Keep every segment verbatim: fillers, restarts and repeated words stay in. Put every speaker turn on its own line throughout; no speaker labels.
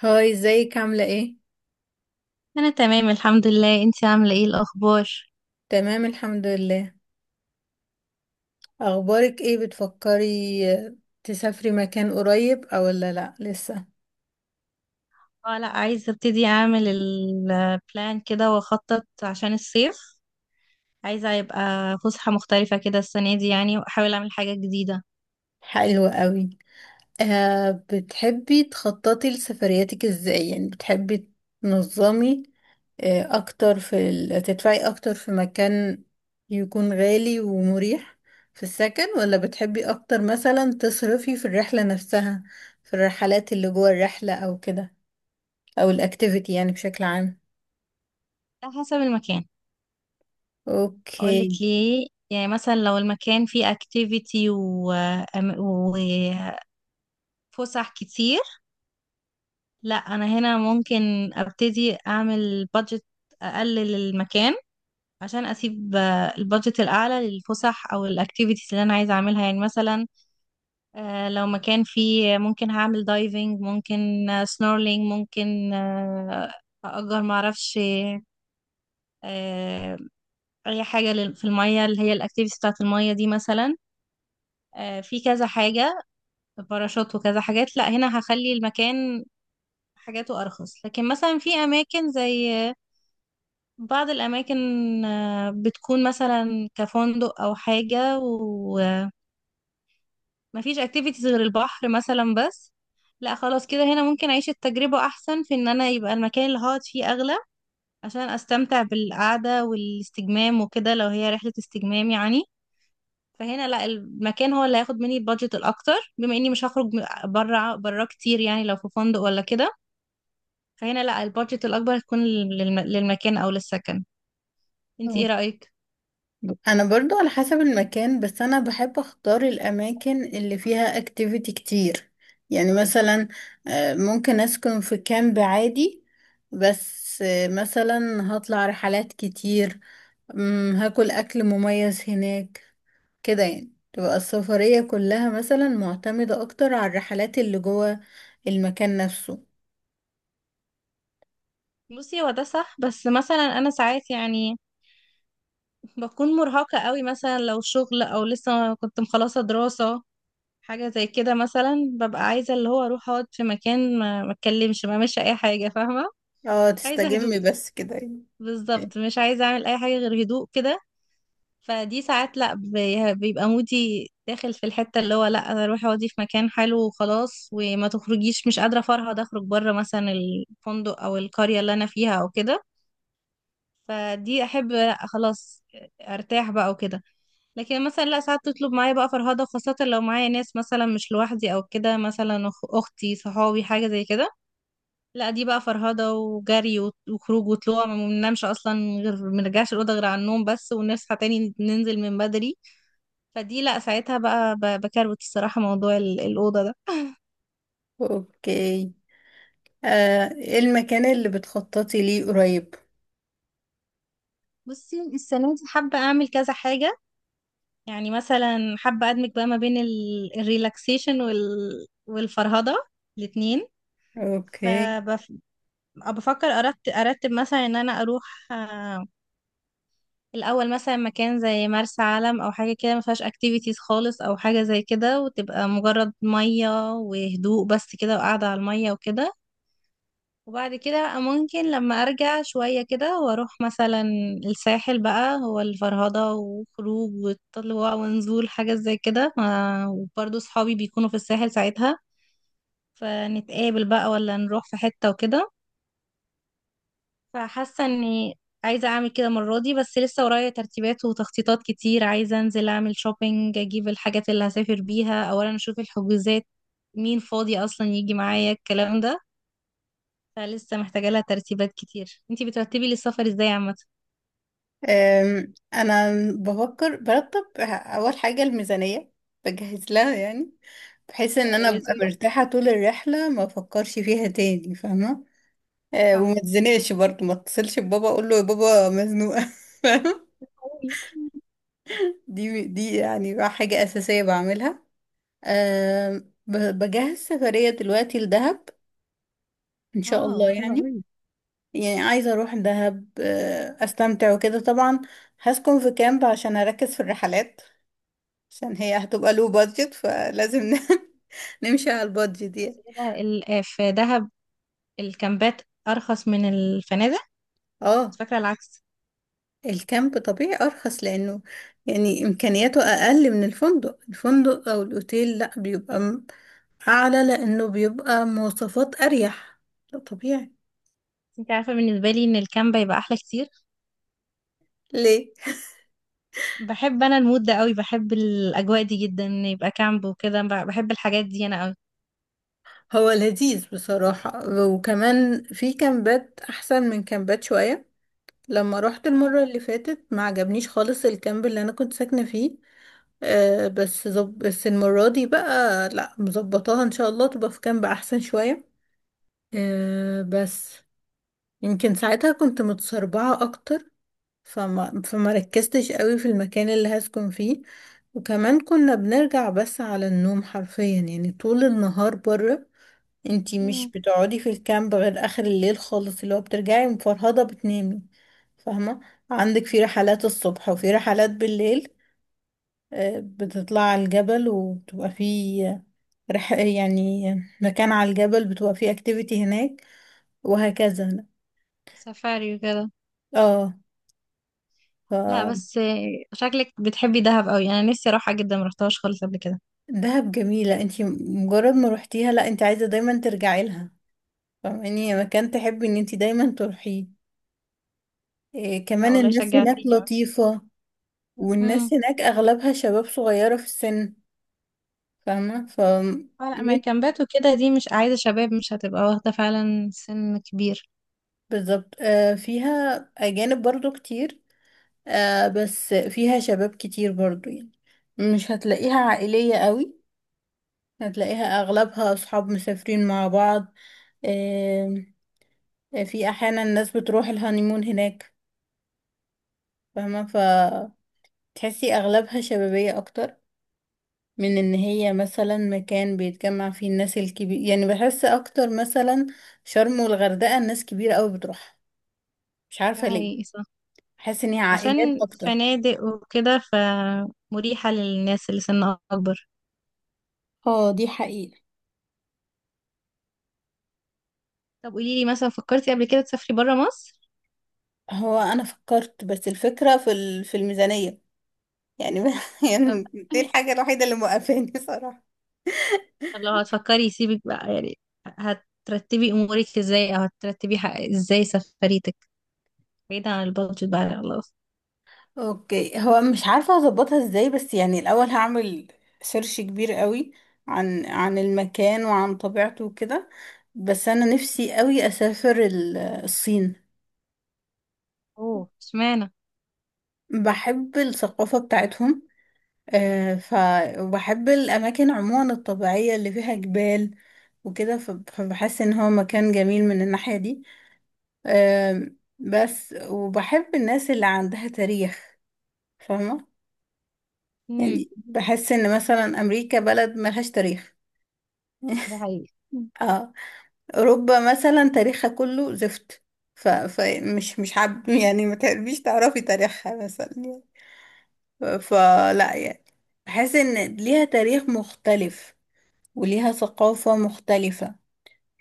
هاي، ازيك؟ عاملة ايه؟
انا تمام الحمد لله. انتي عامله ايه الاخبار؟
تمام، الحمد لله. اخبارك ايه؟ بتفكري آه، تسافري مكان قريب او ولا لا لسه؟
اه، لا عايزه ابتدي اعمل البلان كده واخطط عشان الصيف. عايزه يبقى فسحه مختلفه كده السنه دي، يعني واحاول اعمل حاجه جديده.
حلو قوي. آه بتحبي تخططي لسفرياتك ازاي؟ يعني بتحبي تنظمي آه اكتر في ال... تدفعي اكتر في مكان يكون غالي ومريح في السكن، ولا بتحبي اكتر مثلا تصرفي في الرحلة نفسها، في الرحلات اللي جوه الرحلة او كده، او الاكتيفيتي، يعني بشكل عام؟
على حسب المكان. اقول لك
اوكي.
ليه، يعني مثلا لو المكان فيه اكتيفيتي و... أم- وفسح كتير، لا انا هنا ممكن ابتدي اعمل بادجت، اقلل المكان عشان اسيب آه، البادجت الاعلى للفسح او الاكتيفيتيز اللي انا عايزه اعملها. يعني مثلا آه، لو مكان فيه، ممكن هعمل دايفنج، ممكن آه، سنورلينج، ممكن آه، أأجر، معرفش، آه، أي حاجة لل- في المية، اللي هي الأكتيفيتي بتاعة المية دي مثلا. آه، في كذا حاجة، باراشوت وكذا حاجات. لا هنا هخلي المكان حاجاته أرخص. لكن مثلا في أماكن زي آه، بعض الأماكن، آه، بتكون مثلا كفندق أو حاجة، مفيش اكتيفيتيز غير البحر مثلا بس، لا خلاص كده هنا ممكن اعيش التجربة احسن في ان انا يبقى المكان اللي هقعد فيه اغلى، عشان استمتع بالقعدة والاستجمام وكده، لو هي رحلة استجمام يعني. فهنا لا المكان هو اللي هياخد مني البادجت الاكتر، بما اني مش هخرج بره بره كتير، يعني لو في فندق ولا كده. فهنا لا البادجت الاكبر هتكون للم- للمكان او للسكن. انت ايه
أوك-
رأيك؟
انا برضو على حسب المكان، بس انا بحب اختار الاماكن اللي فيها اكتيفيتي كتير. يعني مثلا آه، ممكن اسكن في كامب عادي، بس آه، مثلا هطلع رحلات كتير، مم، هاكل اكل مميز هناك. كده يعني تبقى السفرية كلها مثلا معتمدة اكتر على الرحلات اللي جوه المكان نفسه.
بصي هو ده صح، بس مثلا انا ساعات يعني بكون مرهقة قوي، مثلا لو شغل او لسه كنت مخلصة دراسة حاجة زي كده، مثلا ببقى عايزة اللي هو اروح اقعد في مكان، ما ما اتكلمش، ما اعملش اي حاجة. فاهمة؟
اه،
عايزة
تستجمي
هدوء.
بس كده يعني.
بالظبط مش عايزة اعمل اي حاجة غير هدوء كده. فدي ساعات لا بي- بيبقى مودي داخل في الحتة اللي هو لا انا اروح اقعدي في مكان حلو وخلاص، وما تخرجيش، مش قادرة افرهد اخرج بره مثلا الفندق او القرية اللي انا فيها او كده. فدي احب خلاص ارتاح بقى وكده. لكن مثلا لا ساعات تطلب معايا بقى فرهضة، خاصة لو معايا ناس مثلا، مش لوحدي او كده، مثلا أخ- اختي، صحابي، حاجة زي كده. لا دي بقى فرهضة وجري وت- وخروج وطلوع، ما بننامش اصلا، غير ما نرجعش الأوضة غير على النوم بس، ونصحى تاني ننزل من بدري. فدي لا ساعتها بقى ب- بكروت الصراحة موضوع ال- الأوضة ده.
اوكي. آه، إيه المكان اللي بتخططي ليه قريب؟
بصي السنة دي حابة أعمل كذا حاجة، يعني مثلا حابة أدمج بقى ما بين ال- الريلاكسيشن وال... والفرهدة الاتنين.
اوكي.
فبفكر أرتب أرتب مثلا إن أنا أروح آه، الأول مثلا مكان زي مرسى علم أو حاجة كده، ما فيهاش أكتيفيتيز خالص أو حاجة زي كده، وتبقى مجرد مية وهدوء بس كده، وقاعدة على المية وكده. وبعد كده ممكن لما ارجع شوية كده واروح مثلا الساحل بقى، هو الفرهدة وخروج وطلوع ونزول، حاجة زي كده. ما- وبرضه صحابي بيكونوا في الساحل ساعتها، فنتقابل بقى ولا نروح في حتة وكده. فحاسة اني عايزة اعمل كده المرة دي. بس لسه ورايا ترتيبات وتخطيطات كتير، عايزة انزل اعمل شوبينج، اجيب الحاجات اللي هسافر بيها، اولا اشوف الحجوزات، مين فاضي اصلا يجي معايا، الكلام ده. فلسه محتاجة لها ترتيبات كتير. انتي بترتبي لي السفر ازاي عامة؟
آم، انا بفكر برتب اول حاجة الميزانية، بجهز لها يعني، بحيث
ده
ان
ده
انا
لازم
ابقى
ده.
مرتاحة طول الرحلة ما افكرش فيها تاني، فاهمة؟ آه، وما
صح.
اتزنقش برضه، ما اتصلش ببابا اقول له يا بابا مزنوقة فاهمة؟
أوي.
دي دي يعني حاجة اساسية بعملها. آم، ب- بجهز سفرية دلوقتي لدهب ان شاء
اه،
الله
حلو
يعني.
قوي.
يعني عايزة اروح دهب آه، استمتع وكده طبعا. هسكن في كامب عشان اركز في الرحلات، عشان هي هتبقى لو بادجت فلازم ن- نمشي على البادجت
بس
يعني.
كده ال- آه، في دهب الكامبات ارخص من الفنادق. كنت
اه،
فاكرة العكس.
الكامب طبيعي ارخص لانه يعني امكانياته اقل من الفندق الفندق او الاوتيل لا بيبقى م- اعلى لانه بيبقى مواصفات اريح، ده طبيعي.
بس انتي عارفة، بالنسبة لي ان الكامب يبقى احلى كتير.
ليه؟
بحب انا المود ده قوي، بحب الاجواء دي جدا، إن يبقى كامب وكده، ب- بحب الحاجات دي انا قوي.
هو لذيذ بصراحة، وكمان في كامبات احسن من كامبات شوية. لما روحت
مم.
المرة اللي فاتت ما عجبنيش خالص الكامب اللي انا كنت ساكنة فيه. آه بس زب... بس المرة دي بقى لا مظبطاها ان شاء الله تبقى في كامب احسن شوية. آه بس يمكن ساعتها كنت متسربعة اكتر فما فما ركزتش قوي في المكان اللي هسكن فيه. وكمان كنا بنرجع بس على النوم حرفيا، يعني طول النهار بره. انتي مش
مم.
بتقعدي في الكامب غير اخر الليل خالص، اللي هو بترجعي مفرهدة بتنامي، فاهمة؟ عندك في رحلات الصبح وفي رحلات بالليل، آه، بتطلع على الجبل وبتبقى في رح يعني مكان على الجبل بتبقى فيه اكتيفيتي هناك، وهكذا.
سفاري وكده.
اه. ف
لا بس آه، شكلك بتحبي دهب قوي، انا نفسي اروحها جدا، ما رحتهاش خالص قبل كده.
دهب جميلة، انتي مجرد ما روحتيها لا انتي عايزة دايما ترجعي لها، فاهماني؟ هي مكان تحبي ان انتي دايما تروحيه. إيه
لا
كمان،
والله
الناس هناك
شجعتيني
لطيفة.
قوي.
والناس هناك اغلبها شباب صغيرة في السن، فاهمة؟ ف
اه لا، ما
مت-
كامبات وكده دي مش عايزة شباب، مش هتبقى واخدة فعلا سن كبير.
بالظبط. آه فيها اجانب برضو كتير، آه بس فيها شباب كتير برضو، يعني مش هتلاقيها عائلية قوي، هتلاقيها اغلبها اصحاب مسافرين مع بعض. آه في احيانا الناس بتروح الهانيمون هناك، فاهمة؟ فتحسي اغلبها شبابية اكتر من ان هي مثلا مكان بيتجمع فيه الناس الكبير. يعني بحس اكتر مثلا شرم والغردقة الناس كبيرة قوي بتروحها، مش
ده
عارفة ليه.
حقيقي، صح،
بحس ان هي عائلات
عشان
اكتر.
فنادق وكده فمريحة للناس اللي سن أكبر.
اه، دي حقيقة.
طب قوليلي مثلا، فكرتي قبل كده تسافري برا مصر؟
هو انا فكرت، بس الفكرة في ال- في الميزانية يعني يعني.
طب.
دي الحاجة الوحيدة اللي موقفاني صراحة.
طب لو هتفكري، سيبك بقى يعني، هترتبي أمورك ازاي، أو هترتبي ح- ازاي سفريتك، بعيدا عن البادجت بقى خلاص؟
اوكي، هو مش عارفة اظبطها ازاي، بس يعني الاول هعمل سيرش كبير قوي عن عن المكان وعن طبيعته وكده. بس انا نفسي قوي اسافر ال- الصين.
اوه، اشمعنى؟
بحب الثقافة بتاعتهم، آه، ف وبحب الأماكن عموما الطبيعية اللي فيها جبال وكده، ف- فبحس إن هو مكان جميل من الناحية دي. آم، بس وبحب الناس اللي عندها تاريخ، فاهمة؟
مم.
يعني بحس إن مثلا أمريكا بلد ملهاش تاريخ
ده حقيقي. مم.
اه. أوروبا مثلا تاريخها كله زفت، ف... فمش مش حب يعني ما تقربيش تعرفي تاريخها مثلا، فلا يعني. بحس ان ليها تاريخ مختلف، وليها ثقافة مختلفة،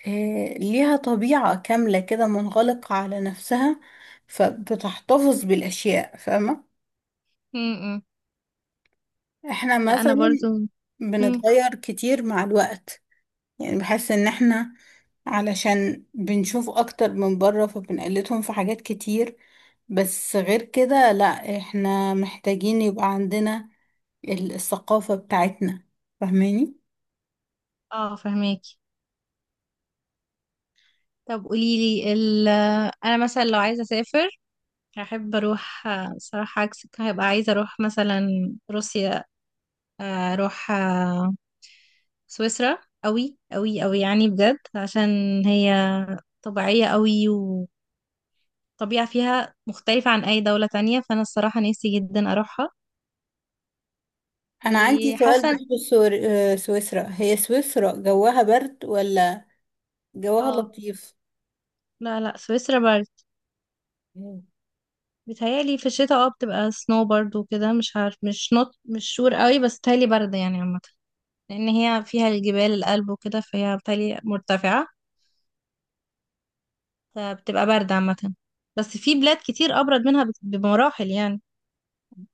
إيه، ليها طبيعة كاملة كده منغلقة على نفسها، فبتحتفظ بالأشياء، فاهمة؟
مم.
احنا
لا أنا
مثلا
برضو. مم.
بنتغير كتير مع الوقت. يعني بحس ان احنا علشان بنشوف اكتر من بره فبنقلدهم في حاجات كتير، بس غير كده لا. احنا محتاجين يبقى عندنا ال- الثقافة بتاعتنا، فاهماني؟
اه فهماكي. طب قوليلي ال، انا مثلا لو عايزه اسافر، هحب اروح آه، صراحه عكسك، هبقى عايزه اروح مثلا روسيا، آه، اروح آه، سويسرا، قوي قوي قوي يعني بجد، عشان هي طبيعيه قوي، وطبيعه فيها مختلفه عن اي دوله تانية، فانا الصراحه نفسي جدا اروحها.
انا عندي سؤال
وحاسه إن-
بخصوص سور- آه، سويسرا. هي سويسرا جواها برد ولا جواها
اه،
لطيف؟
لا لا، سويسرا برد.
مم.
بتهيألي في الشتاء اه بتبقى سنو، برد وكده، مش عارف، مش نوت، مش شور قوي، بس بتهيألي برد يعني عامة، لأن هي فيها الجبال الألب وكده، فهي بالتالي مرتفعة، فبتبقى باردة عامة. بس في بلاد كتير أبرد منها بت- بمراحل يعني.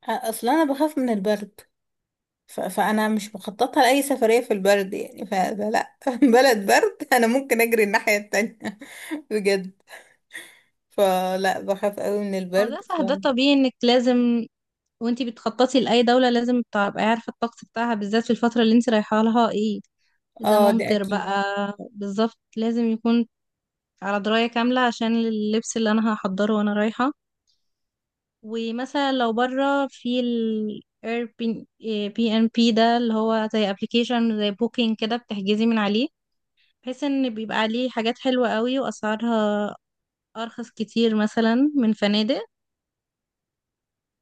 آه، اصلا انا بخاف من البرد، ف... فانا مش مخططه لاي سفريه في البرد يعني، ف... فلا بلد برد انا ممكن اجري الناحيه التانية بجد. فلا، بخاف قوي من
هو ده
البرد ف...
صح، ده طبيعي إنك لازم، وانتي بتخططي لأي دولة، لازم تبقي عارفة الطقس بتاعها، بالذات في الفترة اللي انتي رايحة لها، ايه إذا
اه، ده
ممطر
اكيد.
بقى. بالظبط لازم يكون على دراية كاملة، عشان اللبس اللي أنا هحضره وأنا رايحة. ومثلا لو بره، في ال Airbnb- بي ان بي ده، اللي هو زي ابلكيشن زي بوكينج كده، بتحجزي من عليه، بحيث ان بيبقى عليه حاجات حلوة قوي واسعارها ارخص كتير مثلا من فنادق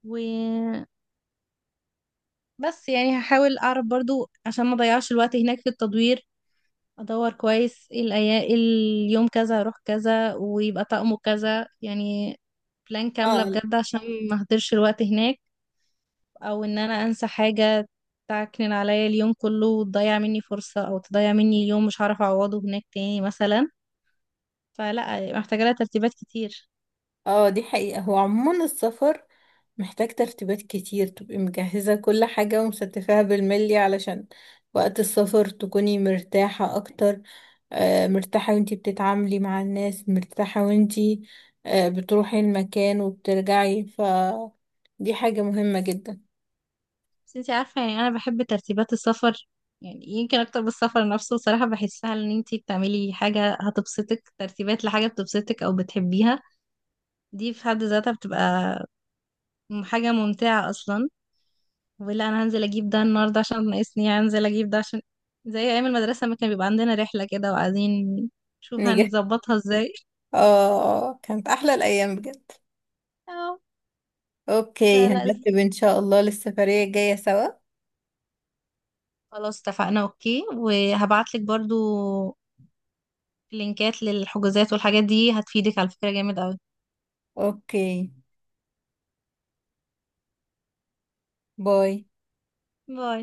وبس. يعني هحاول اعرف برضو عشان ما اضيعش الوقت هناك في التدوير، ادور كويس ايه الايام، اليوم كذا اروح كذا ويبقى طقمه كذا، يعني بلان كاملة
اه،
بجد عشان ما اهدرش الوقت هناك، او ان انا انسى حاجة تعكنن عليا اليوم كله، وتضيع مني فرصة، او تضيع مني اليوم، مش هعرف اعوضه هناك تاني مثلا. فلا محتاجة لها ترتيبات كتير.
اه، دي حقيقة. هو عموما السفر محتاج ترتيبات كتير تبقي مجهزة كل حاجة ومستفاها بالملي، علشان وقت السفر تكوني مرتاحة أكتر، آه، مرتاحة وانتي بتتعاملي مع الناس، مرتاحة وانتي آه، بتروحي المكان وبترجعي. ف دي حاجة مهمة جدا.
بس انتي عارفة يعني، انا بحب ترتيبات السفر يعني، يمكن اكتر بالسفر نفسه صراحة. بحسها ان انتي بتعملي حاجة هتبسطك، ترتيبات لحاجة بتبسطك او بتحبيها، دي في حد ذاتها بتبقى م- حاجة ممتعة اصلا. ولا انا هنزل اجيب ده النهاردة عشان ناقصني، يعني هنزل اجيب ده عشان، زي ايام المدرسة ما كان بيبقى عندنا رحلة كده وعايزين نشوف
نجح
هنظبطها ازاي.
اه. آه، كانت أحلى الأيام بجد.
اه.
اوكي،
فلا،
هنرتب ان شاء الله للسفرية الجاية سوا.
خلاص اتفقنا اوكي. وهبعتلك برضو لينكات للحجوزات، والحاجات دي هتفيدك على فكرة جامد اوي.
اوكي، باي.
باي.